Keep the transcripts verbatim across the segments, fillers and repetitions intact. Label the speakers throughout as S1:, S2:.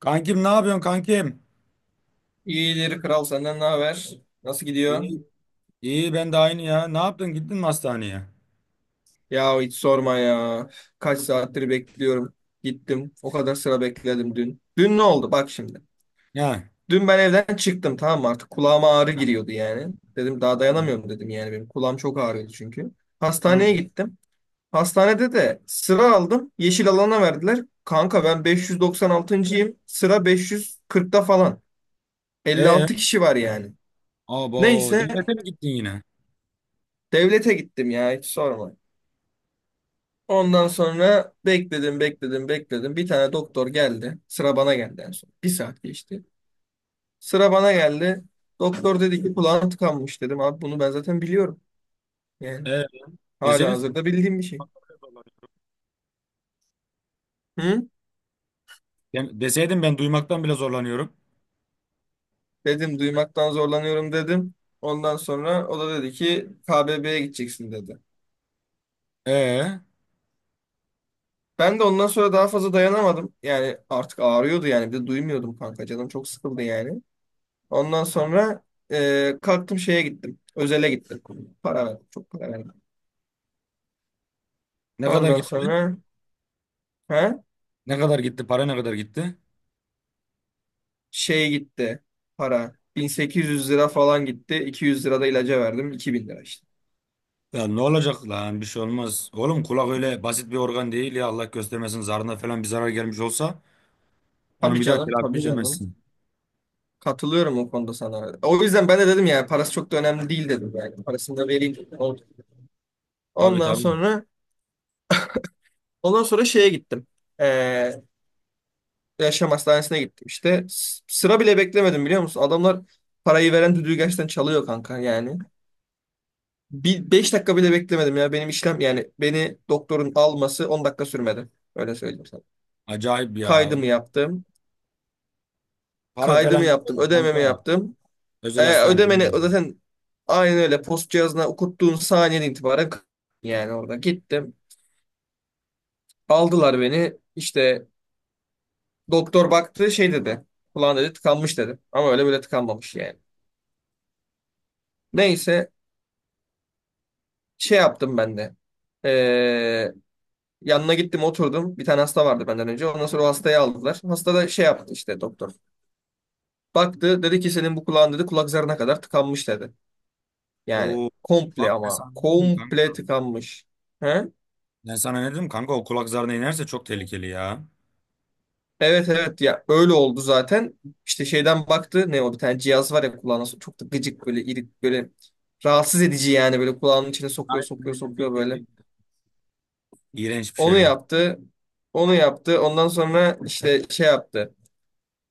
S1: Kankim ne yapıyorsun kankim?
S2: İyidir kral senden ne haber? Nasıl gidiyor?
S1: İyi. İyi ben de aynı ya. Ne yaptın gittin mi hastaneye?
S2: Ya hiç sorma ya. Kaç saattir bekliyorum. Gittim. O kadar sıra bekledim dün. Dün ne oldu? Bak şimdi.
S1: Ya.
S2: Dün ben evden çıktım, tamam mı? Artık kulağıma ağrı giriyordu yani. Dedim daha
S1: Tamam.
S2: dayanamıyorum dedim yani benim. Kulağım çok ağrıyordu çünkü.
S1: Hı.
S2: Hastaneye gittim. Hastanede de sıra aldım. Yeşil alana verdiler. Kanka ben beş yüz doksan altıncıyım.yim. Sıra beş yüz kırkta falan.
S1: E,
S2: elli altı kişi var yani.
S1: Abo
S2: Neyse
S1: devlete mi gittin yine?
S2: devlete gittim, ya hiç sorma. Ondan sonra bekledim, bekledim, bekledim. Bir tane doktor geldi. Sıra bana geldi en son. Bir saat geçti. Sıra bana geldi. Doktor dedi ki kulağın tıkanmış, dedim abi bunu ben zaten biliyorum. Yani
S1: E,
S2: hala
S1: Deseydin,
S2: hazırda bildiğim bir şey. Hı?
S1: de- deseydin ben duymaktan bile zorlanıyorum.
S2: Dedim duymaktan zorlanıyorum dedim. Ondan sonra o da dedi ki K B B'ye gideceksin dedi.
S1: E,
S2: Ben de ondan sonra daha fazla dayanamadım. Yani artık ağrıyordu yani. Bir de duymuyordum kanka. Canım çok sıkıldı yani. Ondan sonra e, kalktım şeye gittim. Özele gittim. Para verdim. Çok para verdim.
S1: Ne kadar
S2: Ondan
S1: gitti?
S2: sonra ha,
S1: Ne kadar gitti? Para ne kadar gitti?
S2: şey gitti para. bin sekiz yüz lira falan gitti. iki yüz lira da ilaca verdim. iki bin lira işte.
S1: Ya ne olacak lan, bir şey olmaz. Oğlum kulak öyle basit bir organ değil ya, Allah göstermesin zarına falan bir zarar gelmiş olsa onu
S2: Tabii
S1: bir daha
S2: canım,
S1: telafi
S2: tabii canım.
S1: edemezsin.
S2: Katılıyorum o konuda sana. O yüzden ben de dedim yani parası çok da önemli değil dedim yani. Parasını da vereyim dedim. Oldu.
S1: Tabii,
S2: Ondan
S1: tabii.
S2: sonra ondan sonra şeye gittim. Ee, yaşam hastanesine gittim işte. S- Sıra bile beklemedim, biliyor musun? Adamlar parayı veren düdüğü gerçekten çalıyor kanka yani. Bir beş dakika bile beklemedim ya. Benim işlem yani beni doktorun alması on dakika sürmedi. Öyle söyleyeyim sana.
S1: Acayip ya.
S2: Kaydımı yaptım.
S1: Para
S2: Kaydımı
S1: falan gidiyor
S2: yaptım.
S1: da
S2: Ödememi
S1: kanka.
S2: yaptım.
S1: Özel
S2: E,
S1: hastane. Hmm.
S2: ödemeni zaten aynen öyle post cihazına okuttuğun saniyeden itibaren k- yani orada gittim. Aldılar beni. İşte doktor baktı şey dedi. Kulağın dedi tıkanmış dedi. Ama öyle böyle tıkanmamış yani. Neyse şey yaptım ben de. E, Yanına gittim oturdum. Bir tane hasta vardı benden önce. Ondan sonra o hastayı aldılar. Hasta da şey yaptı işte doktor. Baktı dedi ki senin bu kulağın dedi kulak zarına kadar tıkanmış dedi. Yani
S1: Oo. Bak
S2: komple
S1: ben
S2: ama
S1: sana ne dedim kanka?
S2: komple tıkanmış. He?
S1: Ben sana ne dedim kanka? O kulak zarına inerse çok tehlikeli ya.
S2: Evet evet ya, öyle oldu zaten. İşte şeyden baktı ne o bir tane cihaz var ya kulağına sok- çok da gıcık böyle irik böyle rahatsız edici yani böyle kulağının içine sokuyor
S1: Aynen,
S2: sokuyor
S1: aynen,
S2: sokuyor
S1: bildim,
S2: böyle.
S1: bildim. İğrenç bir
S2: Onu
S1: şey o.
S2: yaptı. Onu yaptı. Ondan sonra işte şey yaptı.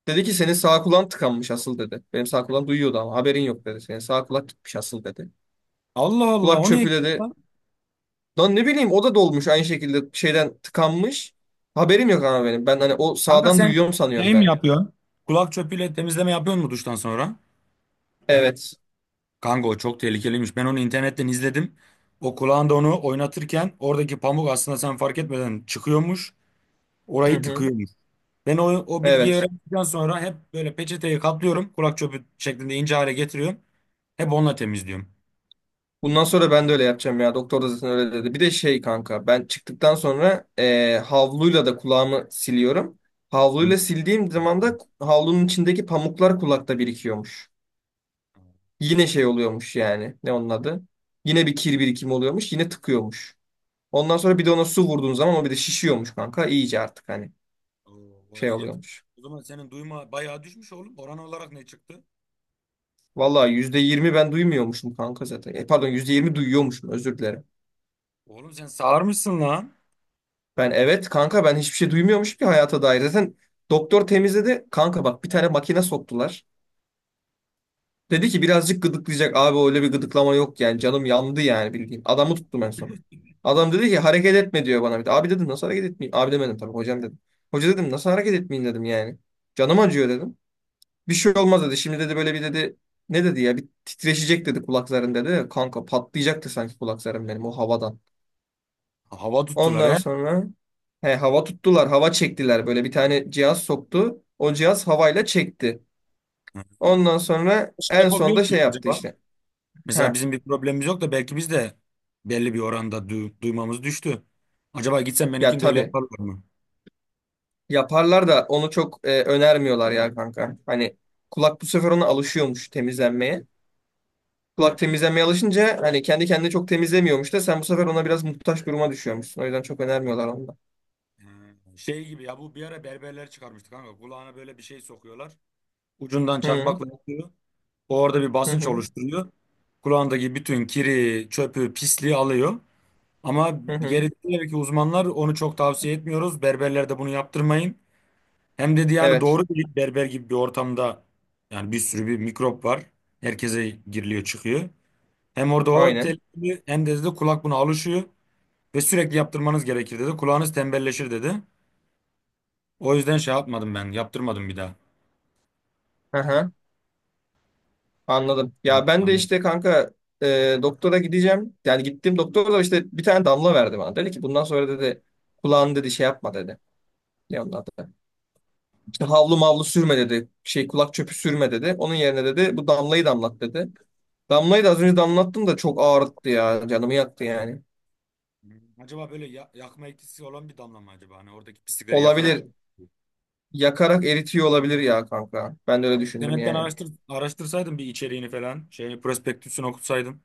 S2: Dedi ki senin sağ kulağın tıkanmış asıl dedi. Benim sağ kulağım duyuyordu ama haberin yok dedi. Senin sağ kulak gitmiş asıl dedi.
S1: Allah Allah,
S2: Kulak
S1: o niye
S2: çöpü
S1: eksik
S2: dedi.
S1: lan?
S2: Lan ne bileyim o da dolmuş aynı şekilde şeyden tıkanmış. Haberim yok ama benim. Ben hani o
S1: Kanka
S2: sağdan
S1: sen
S2: duyuyorum sanıyorum
S1: şey mi
S2: ben.
S1: yapıyorsun? Kulak çöpüyle temizleme yapıyor mu duştan sonra?
S2: Evet.
S1: Kanka o çok tehlikeliymiş. Ben onu internetten izledim. O kulağında onu oynatırken oradaki pamuk aslında sen fark etmeden çıkıyormuş. Orayı
S2: Evet. Hı hı.
S1: tıkıyormuş. Ben o, o bilgiyi
S2: Evet.
S1: öğrendikten sonra hep böyle peçeteyi katlıyorum. Kulak çöpü şeklinde ince hale getiriyorum. Hep onunla temizliyorum.
S2: Bundan sonra ben de öyle yapacağım ya. Doktor da zaten öyle dedi. Bir de şey kanka ben çıktıktan sonra eee, havluyla da kulağımı siliyorum.
S1: Hı.
S2: Havluyla sildiğim zaman da havlunun içindeki pamuklar kulakta birikiyormuş. Yine şey oluyormuş yani. Ne onun adı? Yine bir kir birikimi oluyormuş. Yine tıkıyormuş. Ondan sonra bir de ona su vurduğun zaman o bir de şişiyormuş kanka. İyice artık hani
S1: Oo, orayı
S2: şey
S1: iyice.
S2: oluyormuş.
S1: O zaman senin duyma bayağı düşmüş oğlum. Oran olarak ne çıktı?
S2: Vallahi yüzde yirmi ben duymuyormuşum kanka zaten. E, pardon, yüzde yirmi duyuyormuşum, özür dilerim.
S1: Oğlum sen sağırmışsın lan.
S2: Ben evet kanka ben hiçbir şey duymuyormuşum ki hayata dair. Zaten doktor temizledi. Kanka bak bir tane makine soktular. Dedi ki birazcık gıdıklayacak. Abi öyle bir gıdıklama yok yani. Canım yandı yani bildiğin. Adamı tuttum en son. Adam dedi ki hareket etme diyor bana bir de. Abi dedim nasıl hareket etmeyeyim? Abi demedim tabii, hocam dedim. Hoca dedim nasıl hareket etmeyeyim dedim yani. Canım acıyor dedim. Bir şey olmaz dedi. Şimdi dedi böyle bir dedi. Ne dedi ya? Bir titreşecek dedi kulakların dedi. Kanka patlayacaktı sanki kulaklarım benim o havadan.
S1: Hava tuttular
S2: Ondan
S1: he.
S2: sonra he, hava tuttular. Hava çektiler. Böyle bir tane cihaz soktu. O cihaz havayla çekti.
S1: Hı.
S2: Ondan sonra
S1: Şey
S2: en
S1: yapabiliyor
S2: sonda şey
S1: muyuz
S2: yaptı
S1: acaba?
S2: işte.
S1: Mesela
S2: He.
S1: bizim bir problemimiz yok da belki biz de belli bir oranda du- duymamız düştü. Acaba gitsen
S2: Ya
S1: benimkini de öyle
S2: tabii.
S1: yaparlar mı?
S2: Yaparlar da onu çok e, önermiyorlar ya kanka. Hani kulak bu sefer ona alışıyormuş temizlenmeye. Kulak temizlenmeye alışınca hani kendi kendini çok temizlemiyormuş da sen bu sefer ona biraz muhtaç duruma düşüyormuşsun. O yüzden çok önermiyorlar onu da.
S1: Hı. Şey gibi ya, bu bir ara berberler çıkarmıştı kanka. Kulağına böyle bir şey sokuyorlar. Ucundan
S2: Hı
S1: çakmakla yapıyor. O orada bir
S2: hı,
S1: basınç
S2: hı
S1: oluşturuyor. Kulağındaki bütün kiri, çöpü, pisliği alıyor. Ama
S2: hı. Hı.
S1: geri dönüyor ki uzmanlar onu çok tavsiye etmiyoruz. Berberler de bunu yaptırmayın. Hem dedi yani
S2: Evet.
S1: doğru değil, berber gibi bir ortamda yani bir sürü bir mikrop var. Herkese giriliyor çıkıyor. Hem orada o
S2: Aynen.
S1: tehlikeli, hem de dedi kulak buna alışıyor ve sürekli yaptırmanız gerekir dedi. Kulağınız tembelleşir dedi. O yüzden şey yapmadım, ben yaptırmadım bir daha.
S2: Aha, anladım. Ya ben de
S1: Anladım.
S2: işte kanka e, doktora gideceğim. Yani gittim doktor da işte bir tane damla verdi bana. Dedi ki bundan sonra dedi kulağını dedi şey yapma dedi. Ne onlar da. İşte havlu mavlu sürme dedi. Şey kulak çöpü sürme dedi. Onun yerine dedi bu damlayı damlat dedi. Damlayı da az önce damlattım da çok ağrıttı ya. Canımı yaktı yani.
S1: Acaba böyle ya- yakma etkisi olan bir damla mı acaba? Hani oradaki pislikleri yakarak.
S2: Olabilir. Yakarak eritiyor olabilir ya kanka. Ben de öyle düşündüm
S1: İnternetten
S2: yani.
S1: araştır, araştırsaydım bir içeriğini falan. Şey, prospektüsünü okutsaydım.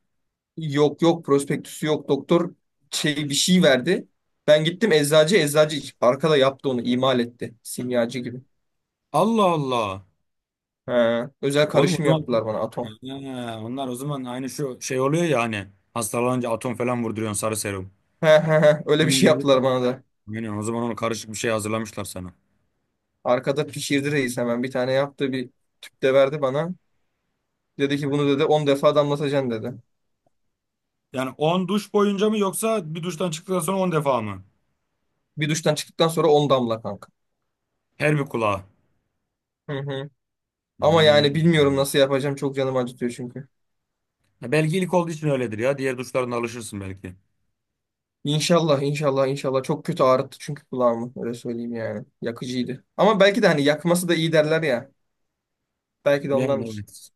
S2: Yok yok, prospektüsü yok. Doktor şey bir şey verdi. Ben gittim eczacı eczacı arkada yaptı onu, imal etti. Simyacı gibi.
S1: Allah Allah.
S2: He, özel
S1: Oğlum o
S2: karışım
S1: zaman
S2: yaptılar bana, atom.
S1: ha, onlar o zaman aynı şu şey oluyor ya hani, hastalanınca atom falan vurduruyorsun sarı serum.
S2: He, he, he. Öyle bir
S1: Onun
S2: şey
S1: gibi. bir-
S2: yaptılar bana da.
S1: Yani o zaman onu karışık bir şey hazırlamışlar sana.
S2: Arkada pişirdi reis, hemen bir tane yaptı, bir tüp de verdi bana. Dedi ki bunu dedi on defa damlatacaksın dedi.
S1: Yani on duş boyunca mı yoksa bir duştan çıktıktan sonra on defa mı?
S2: Bir duştan çıktıktan sonra on damla kanka.
S1: Her bir kulağa.
S2: Hı hı. Ama yani bilmiyorum
S1: Hmm.
S2: nasıl yapacağım. Çok canım acıtıyor çünkü.
S1: Ya belki ilk olduğu için öyledir ya. Diğer duşlarına alışırsın belki.
S2: İnşallah, inşallah, inşallah. Çok kötü ağrıttı çünkü kulağımı. Öyle söyleyeyim yani. Yakıcıydı. Ama belki de hani yakması da iyi derler ya. Belki de
S1: Yani
S2: ondandır.
S1: evet.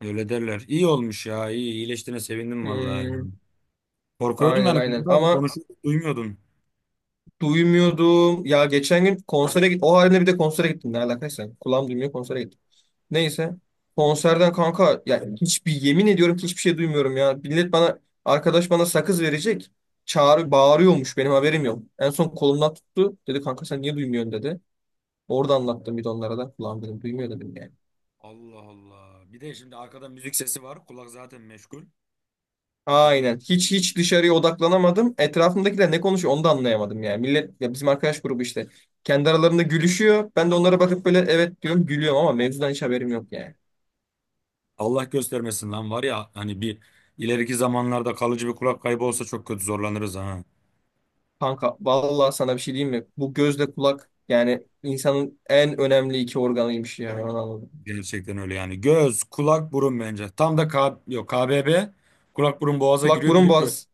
S1: Öyle derler. İyi olmuş ya. İyi, iyileştiğine sevindim vallahi.
S2: Hmm,
S1: Korkuyordum
S2: aynen aynen.
S1: yani.
S2: Ama
S1: Konuşuyorduk, duymuyordum.
S2: duymuyordum. Ya geçen gün konsere git. O halde bir de konsere gittim. Ne alakaysa. Kulağım duymuyor konsere gittim. Neyse. Konserden kanka ya hiçbir, yemin ediyorum ki hiçbir şey duymuyorum ya. Millet bana, arkadaş bana sakız verecek. Çağrı bağırıyormuş benim haberim yok. En son kolumdan tuttu. Dedi kanka sen niye duymuyorsun dedi. Orada anlattım bir de onlara da. Ulan dedim duymuyor dedim yani.
S1: Allah Allah. Bir de şimdi arkada müzik sesi var. Kulak zaten meşgul. Arkada
S2: Aynen. Hiç hiç dışarıya odaklanamadım. Etrafımdakiler ne konuşuyor onu da anlayamadım yani. Millet ya bizim arkadaş grubu işte. Kendi aralarında gülüşüyor. Ben de onlara bakıp böyle evet diyorum gülüyorum ama mevzudan hiç haberim yok yani.
S1: Allah göstermesin lan, var ya hani bir ileriki zamanlarda kalıcı bir kulak kaybı olsa çok kötü zorlanırız ha.
S2: Kanka vallahi sana bir şey diyeyim mi? Bu gözle kulak yani insanın en önemli iki organıymış yani onu anladım.
S1: Gerçekten öyle yani. Göz, kulak, burun bence. Tam da K yok, K B B kulak burun boğaza
S2: Kulak
S1: giriyor, bir de
S2: burun
S1: göz.
S2: boğaz.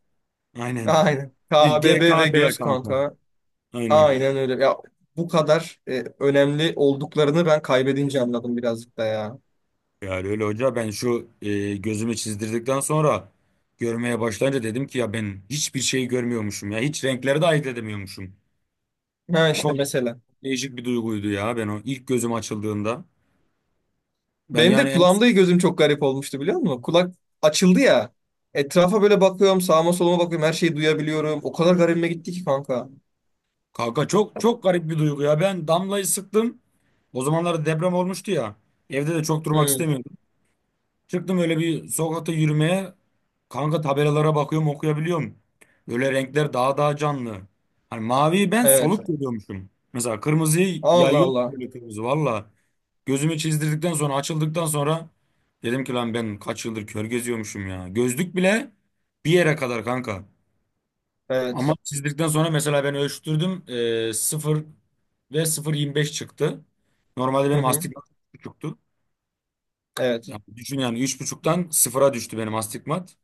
S1: Aynen.
S2: Aynen. K B B ve
S1: G K B
S2: göz
S1: kanka.
S2: kanka.
S1: Aynen.
S2: Aynen öyle. Ya bu kadar e, önemli olduklarını ben kaybedince anladım birazcık da ya.
S1: Yani öyle hoca, ben şu e, gözümü çizdirdikten sonra görmeye başlayınca dedim ki ya ben hiçbir şey görmüyormuşum ya. Hiç renkleri de ayırt edemiyormuşum.
S2: Ha işte
S1: Çok
S2: mesela.
S1: değişik bir duyguydu ya, ben o ilk gözüm açıldığında. Ben
S2: Benim
S1: yani
S2: de
S1: en-
S2: kulağımda gözüm çok garip olmuştu, biliyor musun? Kulak açıldı ya. Etrafa böyle bakıyorum, sağıma soluma bakıyorum, her şeyi duyabiliyorum. O kadar garibime gitti ki kanka.
S1: kanka çok çok garip bir duygu ya. Ben damlayı sıktım. O zamanlarda deprem olmuştu ya. Evde de çok durmak
S2: Hı,
S1: istemiyordum. Çıktım öyle bir sokakta yürümeye. Kanka tabelalara bakıyorum, okuyabiliyorum. Böyle renkler daha daha canlı. Hani maviyi ben
S2: evet.
S1: soluk görüyormuşum. Mesela kırmızıyı
S2: Allah
S1: yayıyor
S2: Allah.
S1: böyle kırmızı valla. Gözümü çizdirdikten sonra, açıldıktan sonra dedim ki lan ben kaç yıldır kör geziyormuşum ya. Gözlük bile bir yere kadar kanka. Ama
S2: Evet.
S1: çizdikten sonra mesela ben ölçtürdüm. E, sıfır ve sıfır virgül yirmi beş çıktı. Normalde
S2: Hı
S1: benim
S2: hı.
S1: astigmat üç buçuktu.
S2: Evet.
S1: Yani düşün yani, üç buçuktan sıfıra düştü benim astigmat.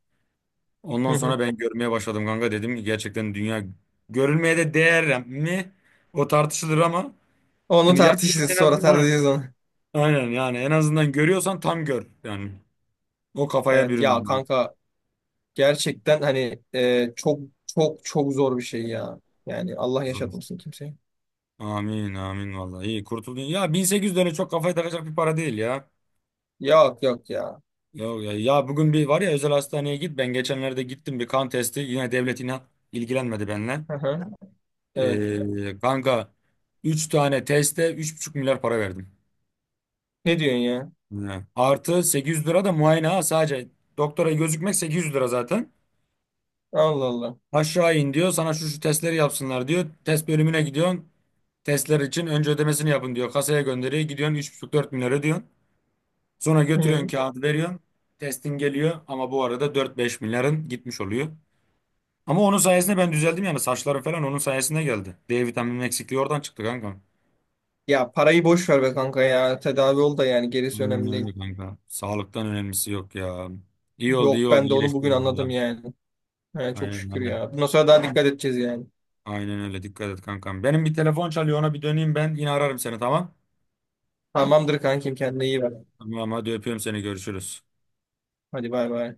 S2: Hı
S1: Ondan
S2: hı.
S1: sonra ben görmeye başladım kanka, dedim ki gerçekten dünya görülmeye de değer mi? O tartışılır ama
S2: Onu
S1: yani yaşlısın
S2: tartışırız,
S1: en
S2: sonra
S1: azından,
S2: tartışırız onu.
S1: aynen yani en azından görüyorsan tam gör yani. O kafaya
S2: Evet ya
S1: büründüm ben.
S2: kanka, gerçekten hani e, çok çok çok zor bir şey ya. Yani Allah
S1: Zor.
S2: yaşatmasın kimseye.
S1: Amin, amin, vallahi iyi kurtuldun. Ya bin sekiz yüz lira çok kafaya takacak bir para değil ya.
S2: Yok yok ya.
S1: Ya, ya, ya bugün bir var ya, özel hastaneye git. Ben geçenlerde gittim bir kan testi. Yine devlet inan ilgilenmedi benimle.
S2: Hı hı. Evet.
S1: Ee, kanka üç tane teste üç buçuk milyar para verdim.
S2: Ne diyorsun ya?
S1: He. Artı sekiz yüz lira da muayene ha, sadece. Doktora gözükmek sekiz yüz lira zaten.
S2: Allah Allah.
S1: Aşağı in diyor sana, şu şu testleri yapsınlar diyor. Test bölümüne gidiyorsun. Testler için önce ödemesini yapın diyor. Kasaya gönderiyor. Gidiyorsun üç buçuk dört milyar ödüyorsun. Sonra götürüyorsun
S2: Hı.
S1: kağıdı veriyorsun. Testin geliyor ama bu arada dört beş milyarın gitmiş oluyor. Ama onun sayesinde ben düzeldim yani, saçlarım falan onun sayesinde geldi. de vitaminin eksikliği oradan çıktı kanka.
S2: Ya parayı boş ver be kanka ya. Tedavi ol da yani gerisi
S1: Aynen
S2: önemli değil.
S1: öyle kanka. Sağlıktan önemlisi yok ya. İyi oldu, iyi
S2: Yok,
S1: oldu,
S2: ben de onu bugün
S1: iyileştim
S2: anladım
S1: valla.
S2: yani. He, çok
S1: Aynen,
S2: şükür
S1: aynen.
S2: ya. Bundan sonra daha dikkat edeceğiz yani.
S1: Aynen öyle, dikkat et kankam. Benim bir telefon çalıyor, ona bir döneyim, ben yine ararım seni tamam.
S2: Tamamdır kankim, kendine iyi bak.
S1: Tamam hadi, öpüyorum seni, görüşürüz.
S2: Hadi bay bay.